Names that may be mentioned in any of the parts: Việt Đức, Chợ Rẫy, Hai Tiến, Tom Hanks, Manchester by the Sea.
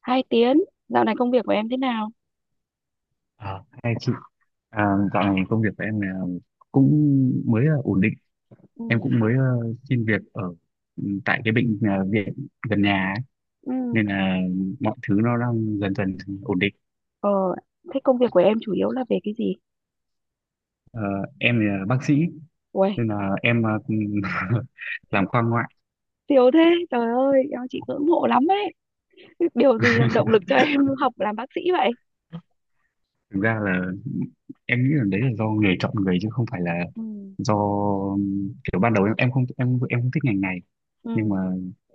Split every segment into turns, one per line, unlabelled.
Hai Tiến, dạo này công việc của em thế nào?
Hai chị à, dạo này công việc của em là cũng mới ổn định. Em
Ừ.
cũng mới xin việc ở tại cái bệnh viện gần nhà ấy.
Ừ,
Nên là mọi thứ nó đang dần dần ổn định.
ờ, thế công việc của em chủ yếu là về cái gì?
Ờ, em là bác sĩ
Uầy,
nên là em làm khoa ngoại.
siêu thế, trời ơi, em chị ngưỡng mộ lắm ấy. Điều gì làm động lực cho em học làm bác sĩ vậy?
Thực ra là em nghĩ là đấy là do nghề chọn người chứ không phải là
Ừ.
do kiểu ban đầu em không thích ngành này, nhưng
Ừ,
mà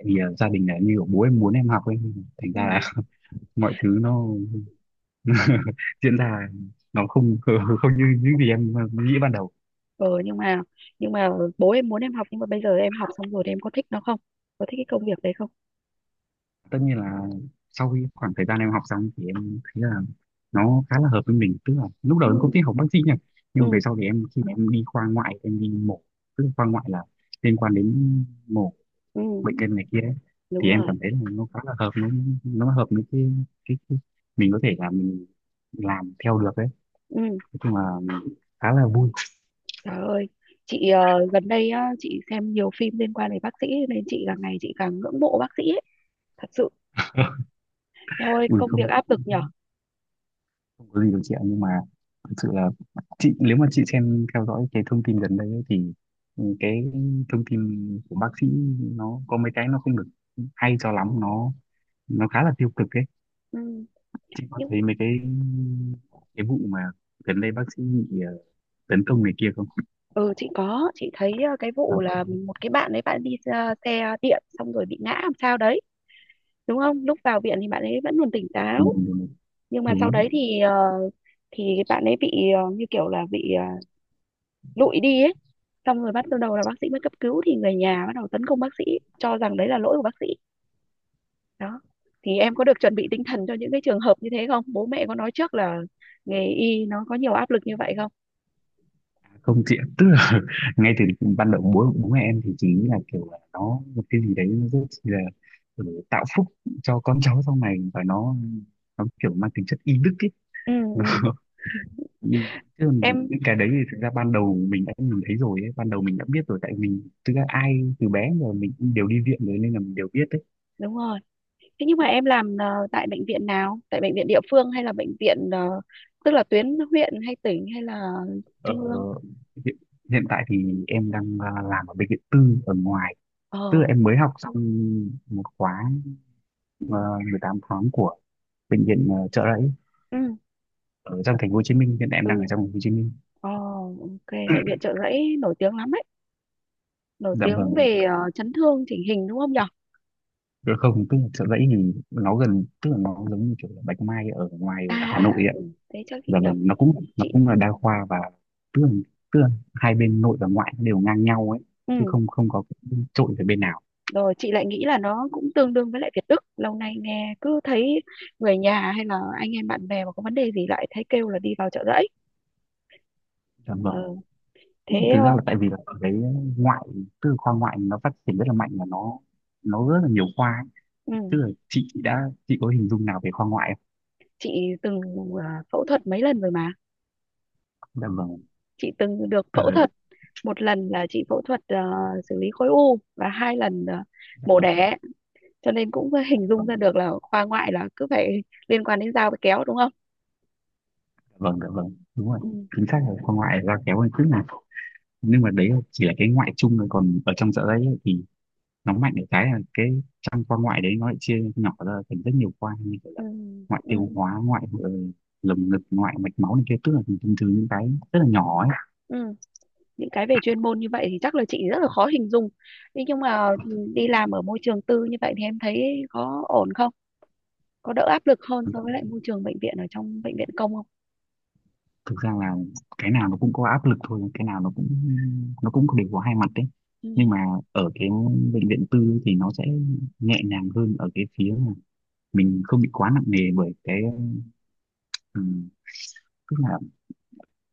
vì gia đình là như kiểu bố em muốn em học ấy, thành
ừ.
ra là mọi thứ nó diễn ra nó không không như những gì em nghĩ ban đầu.
Ờ, nhưng mà, nhưng mà bố em muốn em học, nhưng mà bây giờ em học xong rồi thì em có thích nó không? Có thích cái công việc đấy không?
Tất nhiên là sau khi khoảng thời gian em học xong thì em thấy là nó khá là hợp với mình, tức là lúc đầu
Ừ,
em không thích học bác sĩ nha, nhưng mà về
ừ,
sau thì em khi mà em đi khoa ngoại em đi mổ, tức là khoa ngoại là liên quan đến mổ
ừ,
bệnh nhân này kia ấy,
đúng
thì em
rồi.
cảm thấy là nó khá là hợp, nó hợp với cái mình có thể là mình làm theo được đấy.
Ừ,
Nói chung là khá là vui.
trời ơi. Chị gần đây á, chị xem nhiều phim liên quan đến bác sĩ nên chị càng ngày chị càng ngưỡng mộ bác sĩ ấy. Thật sự theo ơi
Ui,
công
không
việc áp lực nhở.
không có gì đâu chị ạ, nhưng mà thực sự là chị nếu mà chị xem theo dõi cái thông tin gần đây ấy, thì cái thông tin của bác sĩ nó có mấy cái nó không được hay cho lắm, nó khá là tiêu cực ấy.
Ừ.
Chị có
nhưng
thấy mấy cái vụ mà gần đây bác sĩ bị tấn công này kia không?
ừ chị có chị thấy cái
À,
vụ là
có.
một cái bạn ấy bạn đi xe điện xong rồi bị ngã làm sao đấy, đúng không? Lúc vào viện thì bạn ấy vẫn còn tỉnh
Đúng,
táo
đúng, đúng,
nhưng mà sau
đúng.
đấy thì bạn ấy bị như kiểu là bị lụi đi ấy, xong rồi bắt đầu là bác sĩ mới cấp cứu thì người nhà bắt đầu tấn công bác sĩ, cho rằng đấy là lỗi của bác sĩ đó. Thì em có được chuẩn bị tinh thần cho những cái trường hợp như thế không? Bố mẹ có nói trước là nghề y nó có nhiều áp lực như vậy không?
Không chị ạ, tức là ngay từ ban đầu bố bố mẹ em thì chỉ nghĩ là kiểu là nó một cái gì đấy nó rất là, tạo phúc cho con cháu sau này và nó kiểu mang tính chất y đức ấy.
Ừ, ừ.
Ừ, chứ còn
em
những cái đấy thì thực ra ban đầu mình đã nhìn thấy rồi ấy. Ban đầu mình đã biết rồi tại mình thực ra ai từ bé giờ mình cũng đều đi viện rồi nên là mình đều biết đấy.
Đúng rồi. Thế nhưng mà em làm tại bệnh viện nào? Tại bệnh viện địa phương hay là bệnh viện, tức là tuyến huyện hay tỉnh hay là
Ờ,
trung ương?
hiện, hiện tại thì em đang làm ở bệnh viện tư ở ngoài,
Ờ,
tức là em mới học xong một khóa uh, 18 tháng của bệnh viện Chợ Rẫy
ừ,
ở trong thành phố Hồ Chí Minh. Hiện tại em đang ở
ừ.
trong thành phố Hồ Chí Minh.
Ờ, OK, bệnh viện Chợ Rẫy nổi tiếng lắm ấy, nổi
Dạ
tiếng
vâng.
về chấn thương chỉnh hình đúng không nhở?
Dạ không, tức là Chợ Rẫy thì nó gần, tức là nó giống như kiểu là Bạch Mai ở ngoài
À,
Hà
à,
Nội ạ.
ừ. Thế chắc chị
Dạ
nhập
vâng, nó
chị.
cũng là đa khoa và tức là, tức là hai bên nội và ngoại đều ngang nhau ấy, chứ
Ừ.
không không có cái trội về bên nào.
Rồi chị lại nghĩ là nó cũng tương đương với lại Việt Đức. Lâu nay nghe cứ thấy người nhà hay là anh em bạn bè mà có vấn đề gì lại thấy kêu là đi vào Chợ Rẫy.
Dạ vâng.
Ờ,
Tức
Thế.
là thực ra
ờ,
là tại vì là ở đấy ngoại, tức là khoa ngoại nó phát triển rất là mạnh và nó rất là nhiều khoa ấy. Tức
ừ.
là chị đã chị có hình dung nào về khoa ngoại
Chị từng phẫu thuật mấy lần rồi mà.
không? Dạ vâng.
Chị từng được
Ờ,
phẫu thuật, một lần là chị phẫu thuật xử lý khối u, và hai lần
dạ
mổ
vâng.
đẻ, cho nên cũng
Dạ
hình dung
vâng.
ra được là khoa ngoại là cứ phải liên quan đến dao với kéo đúng không.
Vâng, dạ vâng, đúng rồi.
Ừ,
Chính xác là con ngoại ra kéo hơn chút nào, nhưng mà đấy chỉ là cái ngoại chung thôi, còn ở trong dạ dày ấy, thì nó mạnh ở cái là cái trong con ngoại đấy nó lại chia nhỏ ra thành rất nhiều khoa như kiểu
ừ,
là ngoại
ừ,
tiêu hóa, ngoại lồng ngực, ngoại mạch máu này kia, tức là thường thường những cái rất là nhỏ ấy.
ừ. Những cái về chuyên môn như vậy thì chắc là chị rất là khó hình dung. Thế nhưng mà đi làm ở môi trường tư như vậy thì em thấy có ổn không? Có đỡ áp lực hơn
thực
so
ra,
với lại môi trường bệnh viện ở trong bệnh viện công không?
thực ra là cái nào nó cũng có áp lực thôi, cái nào nó cũng đều có hai mặt đấy,
Ừ.
nhưng mà ở cái bệnh viện tư ấy thì nó sẽ nhẹ nhàng hơn ở cái phía mà mình không bị quá nặng nề bởi cái, tức là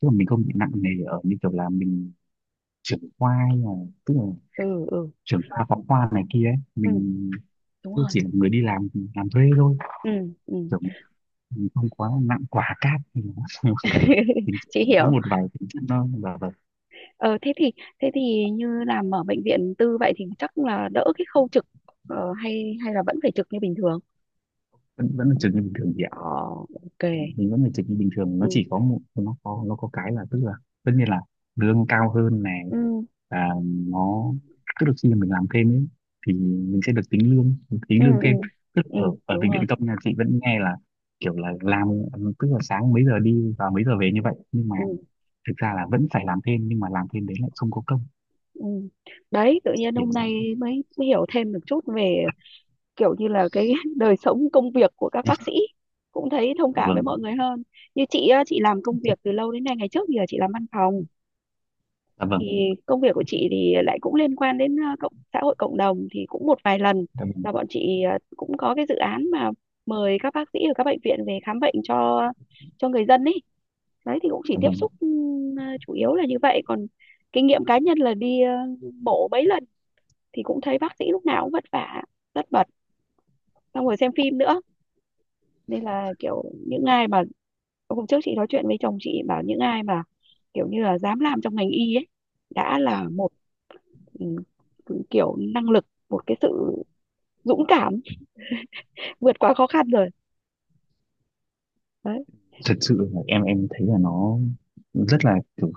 tức là mình không bị nặng nề ở như kiểu là mình trưởng khoa hay là, tức là
Ừ. Ừ,
trưởng khoa phó khoa này kia ấy,
ừ.
mình
Đúng
tức
rồi.
chỉ là người đi làm thuê thôi,
Ừ. Ừ.
kiểu mình không quá nặng quả cát thì nó.
Chị
Có
hiểu.
một vài tính chất nó và
ờ thế thì thế thì như làm ở bệnh viện tư vậy thì chắc là đỡ cái khâu trực, hay hay là vẫn phải trực như bình thường?
vẫn vẫn là trường như bình thường chị,
ờ OK.
mình vẫn phải dịch như bình thường,
Ừ.
nó chỉ có một nó có cái là, tức là tất nhiên là lương cao hơn này
Ừ.
và nó, tức là khi mà mình làm thêm ấy thì mình sẽ được tính lương
Ừ.
tính lương
Ừ,
thêm. Tức
ừ.
ở ở
Đúng
Bệnh viện
rồi.
Tâm nhà chị vẫn nghe là kiểu là làm, tức là sáng mấy giờ đi và mấy giờ về như vậy, nhưng mà
Ừ.
thực ra là vẫn phải làm thêm, nhưng mà làm thêm đấy lại không có công
Ừ. Đấy tự nhiên
thì.
hôm nay mới hiểu thêm được chút về kiểu như là cái đời sống công việc của các bác sĩ, cũng thấy thông
Dạ
cảm với
vâng,
mọi người hơn. Như chị á, chị làm công việc từ lâu đến nay, ngày trước thì là chị làm văn phòng,
dạ vâng,
thì công việc của chị thì lại cũng liên quan đến cộng xã hội cộng đồng, thì cũng một vài lần
dạ vâng,
là bọn chị cũng có cái dự án mà mời các bác sĩ ở các bệnh viện về khám bệnh cho người dân ấy. Đấy thì cũng chỉ
dạ
tiếp
vâng.
xúc chủ yếu là như vậy. Còn kinh nghiệm cá nhân là đi mổ mấy lần thì cũng thấy bác sĩ lúc nào cũng vất vả, rất bật, xong rồi xem phim nữa, nên là kiểu những ai mà, hôm trước chị nói chuyện với chồng, chị bảo những ai mà kiểu như là dám làm trong ngành y ấy đã là một, ừ, kiểu năng lực, một cái sự dũng cảm vượt qua khó khăn rồi đấy.
Thật sự là em thấy là nó rất là kiểu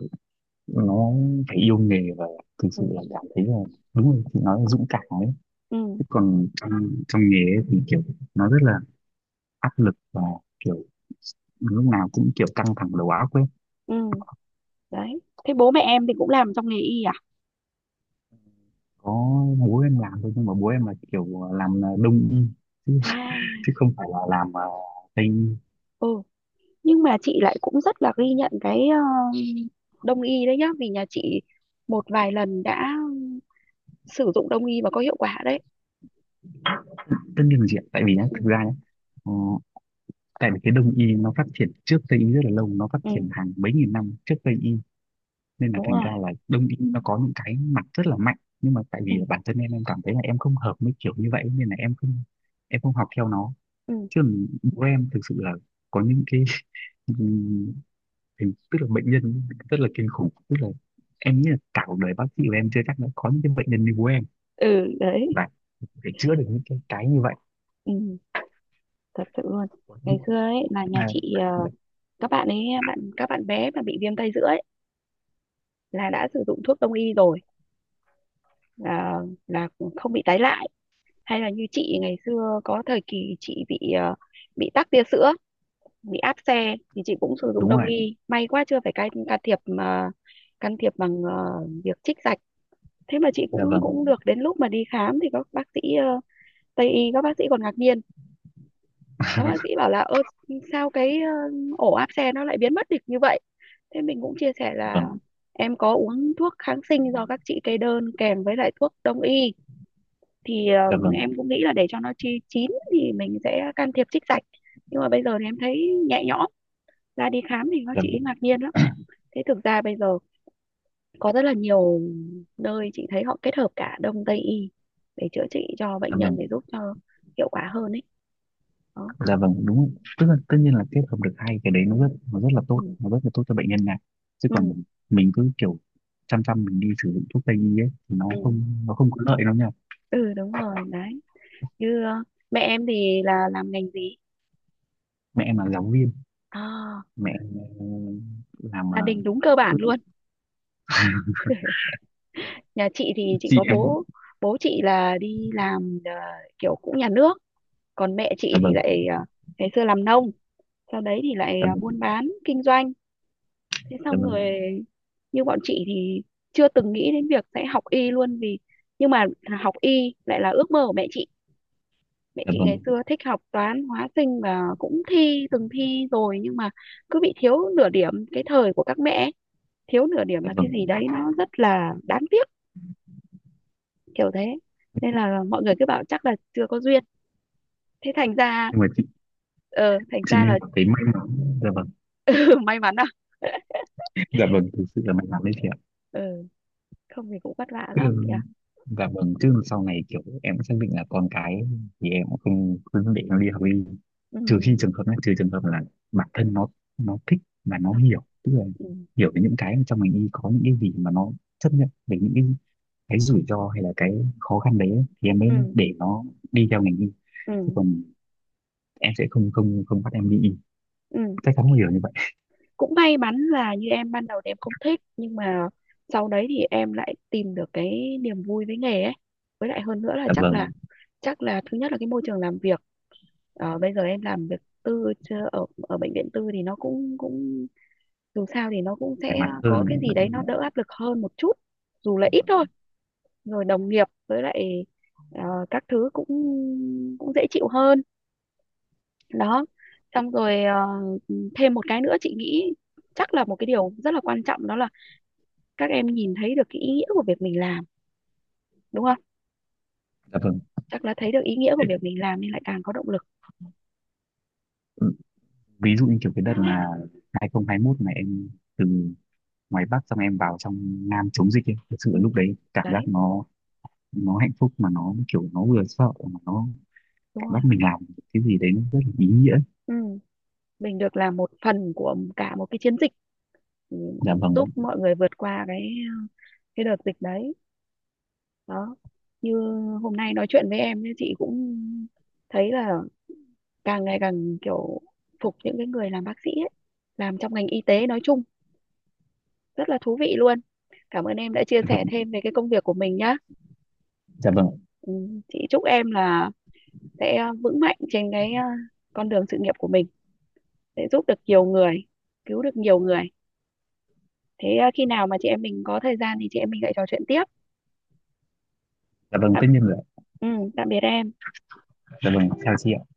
nó phải yêu nghề và thực
Ừ.
sự là cảm thấy là đúng rồi, chị nói là dũng cảm ấy,
Ừ.
chứ còn trong trong nghề ấy thì kiểu nó rất là áp lực và kiểu lúc nào cũng kiểu căng thẳng đầu óc ấy.
Ừ. Đấy thế bố mẹ em thì cũng làm trong nghề y à?
Có, bố em làm thôi, nhưng mà bố em là kiểu làm đông y, chứ,
À.
chứ không phải là làm tây y.
Ừ. Nhưng mà chị lại cũng rất là ghi nhận cái đông y đấy nhá, vì nhà chị một vài lần đã sử dụng đông y và có hiệu quả đấy.
Tất nhiên là chị ạ, tại vì nhá,
Ừ.
thực ra nhá, ờ, tại vì cái đông y nó phát triển trước tây y rất là lâu, nó phát
Ừ.
triển hàng mấy nghìn năm trước tây y, nên là
Đúng
thành ra
rồi.
là đông y nó có những cái mặt rất là mạnh, nhưng mà tại
Ừ.
vì bản thân em cảm thấy là em không hợp với kiểu như vậy nên là em không học theo nó.
Ừ.
Chứ bố em thực sự là có những cái tức là bệnh nhân rất là kinh khủng, tức là em nghĩ là cả cuộc đời bác sĩ của em chưa chắc đã có những cái bệnh nhân như bố em
Ừ. Đấy.
và để chữa được những cái như vậy.
Ừ. Thật sự luôn. Ngày
Nhưng
xưa ấy là nhà
mà-
chị,
dạ,
các bạn ấy, các bạn bé mà bị viêm tay giữa ấy là đã sử dụng thuốc đông y rồi, à, là không bị tái lại. Hay là như chị, ngày xưa có thời kỳ chị bị bị tắc tia sữa, bị áp xe thì chị cũng sử dụng
đúng
đông
rồi.
y, may quá chưa phải can, thiệp mà can thiệp bằng việc trích dạch. Thế mà chị
Dạ
cũng
vâng,
cũng được, đến lúc mà đi khám thì các bác sĩ Tây y, các bác sĩ còn ngạc nhiên. Các bác sĩ bảo là, ơ sao cái ổ áp xe nó lại biến mất được như vậy. Thế mình cũng chia sẻ
dạ vâng,
là em có uống thuốc kháng sinh do các chị kê đơn kèm với lại thuốc đông y, thì
dạ vâng,
em cũng nghĩ là để cho nó chi chín thì mình sẽ can thiệp trích dạch, nhưng mà bây giờ thì em thấy nhẹ nhõm ra, đi khám thì các
dạ,
chị ấy
vâng,
ngạc nhiên lắm. Thế thực ra bây giờ có rất là nhiều nơi chị thấy họ kết hợp cả đông tây y để chữa trị cho bệnh
dạ
nhân, để
vâng.
giúp cho hiệu quả hơn ấy đó.
Dạ vâng, đúng, tức là tất nhiên là kết hợp được hai cái đấy nó rất là
Ừ.
tốt, nó rất là tốt cho bệnh nhân này, chứ
Ừ.
còn mình cứ kiểu chăm chăm mình đi sử dụng thuốc tây y ấy thì
Ừ,
nó không có lợi đâu nha.
ừ. Đúng rồi đấy. Như mẹ em thì là làm ngành gì?
Mẹ em là giáo viên.
À,
Mẹ em làm
gia đình đúng cơ bản
cứ
luôn. Nhà chị thì chị
chị
có
em.
bố, bố chị là đi làm kiểu cũng nhà nước, còn mẹ chị
Dạ
thì
vâng,
lại ngày xưa làm nông, sau đấy thì lại
dạ
buôn
vâng,
bán kinh doanh. Thế
dạ
xong rồi,
vâng,
như bọn chị thì chưa từng nghĩ đến việc sẽ học y luôn vì, nhưng mà học y lại là ước mơ của mẹ chị. Mẹ
dạ
chị ngày
vâng,
xưa thích học toán hóa sinh và cũng thi, từng thi rồi nhưng mà cứ bị thiếu nửa điểm, cái thời của các mẹ ấy, thiếu nửa điểm
dạ
là cái
vâng.
gì đấy nó rất là đáng tiếc, kiểu thế. Nên là mọi người cứ bảo chắc là chưa có duyên. Thế thành ra,
Nhưng mà chị
thành
chị
ra
nên
là
cảm thấy may mắn. Dạ vâng.
may mắn à?
Dạ vâng, thực sự là may mắn đấy chị ạ.
Ừ. Không thì cũng vất vả
Chứ
lắm nhỉ.
dạ vâng, chứ sau này kiểu em cũng xác định là con cái thì em cũng không không để nó đi học đi,
Ừ.
trừ khi trường hợp này trừ trường hợp là bản thân nó thích và nó
Ừ.
hiểu, tức là
Ừ.
hiểu về những cái trong mình đi có những cái gì mà nó chấp nhận về những cái rủi ro hay là cái khó khăn đấy ấy, thì em
Ừ.
mới để nó đi theo ngành y. Chứ
Ừ.
còn em sẽ không không không bắt em đi y,
Ừ.
chắc chắn không hiểu như vậy.
Cũng may mắn là như em ban đầu thì em không thích nhưng mà sau đấy thì em lại tìm được cái niềm vui với nghề ấy. Với lại hơn nữa là
Dạ
chắc là
vâng,
thứ nhất là cái môi trường làm việc. Ờ, bây giờ em làm việc tư chưa- ở ở bệnh viện tư thì nó cũng, dù sao thì nó cũng
thoải
sẽ
mái
có cái
hơn.
gì
Nói
đấy
chung
nó
là
đỡ áp lực hơn một chút, dù là
dạ
ít thôi.
vâng,
Rồi đồng nghiệp với lại ờ, các thứ cũng cũng dễ chịu hơn đó. Xong rồi thêm một cái nữa chị nghĩ, chắc là một cái điều rất là quan trọng, đó là các em nhìn thấy được cái ý nghĩa của việc mình làm đúng không?
dạ vâng.
Chắc là thấy được ý nghĩa của
Thế,
việc mình làm nên lại càng có động lực.
ừ, ví dụ như kiểu cái đợt là 2021 này em từ ngoài Bắc xong em vào trong Nam chống dịch ấy. Thực sự
Ừ.
lúc đấy cảm giác
Đấy
nó hạnh phúc mà nó kiểu nó vừa sợ mà nó
đúng
cảm giác
rồi.
mình làm cái gì đấy nó rất là ý nghĩa.
Ừ. Mình được làm một phần của cả một cái chiến dịch, ừ,
Dạ
giúp
vâng,
mọi người vượt qua cái đợt dịch đấy đó. Như hôm nay nói chuyện với em ấy, chị cũng thấy là càng ngày càng kiểu phục những cái người làm bác sĩ ấy, làm trong ngành y tế nói chung, rất là thú vị luôn. Cảm ơn em đã chia
dạ
sẻ
vâng,
thêm về cái công việc của mình nhá.
dạ vâng,
Ừ, chị chúc em là sẽ vững mạnh trên cái con đường sự nghiệp của mình, sẽ giúp được nhiều người, cứu được nhiều người. Thế khi nào mà chị em mình có thời gian thì chị em mình lại trò chuyện tiếp.
dạ vâng,
tạm,
tất nhiên rồi ạ.
ừ, tạm biệt em.
Dạ vâng, chào chị ạ.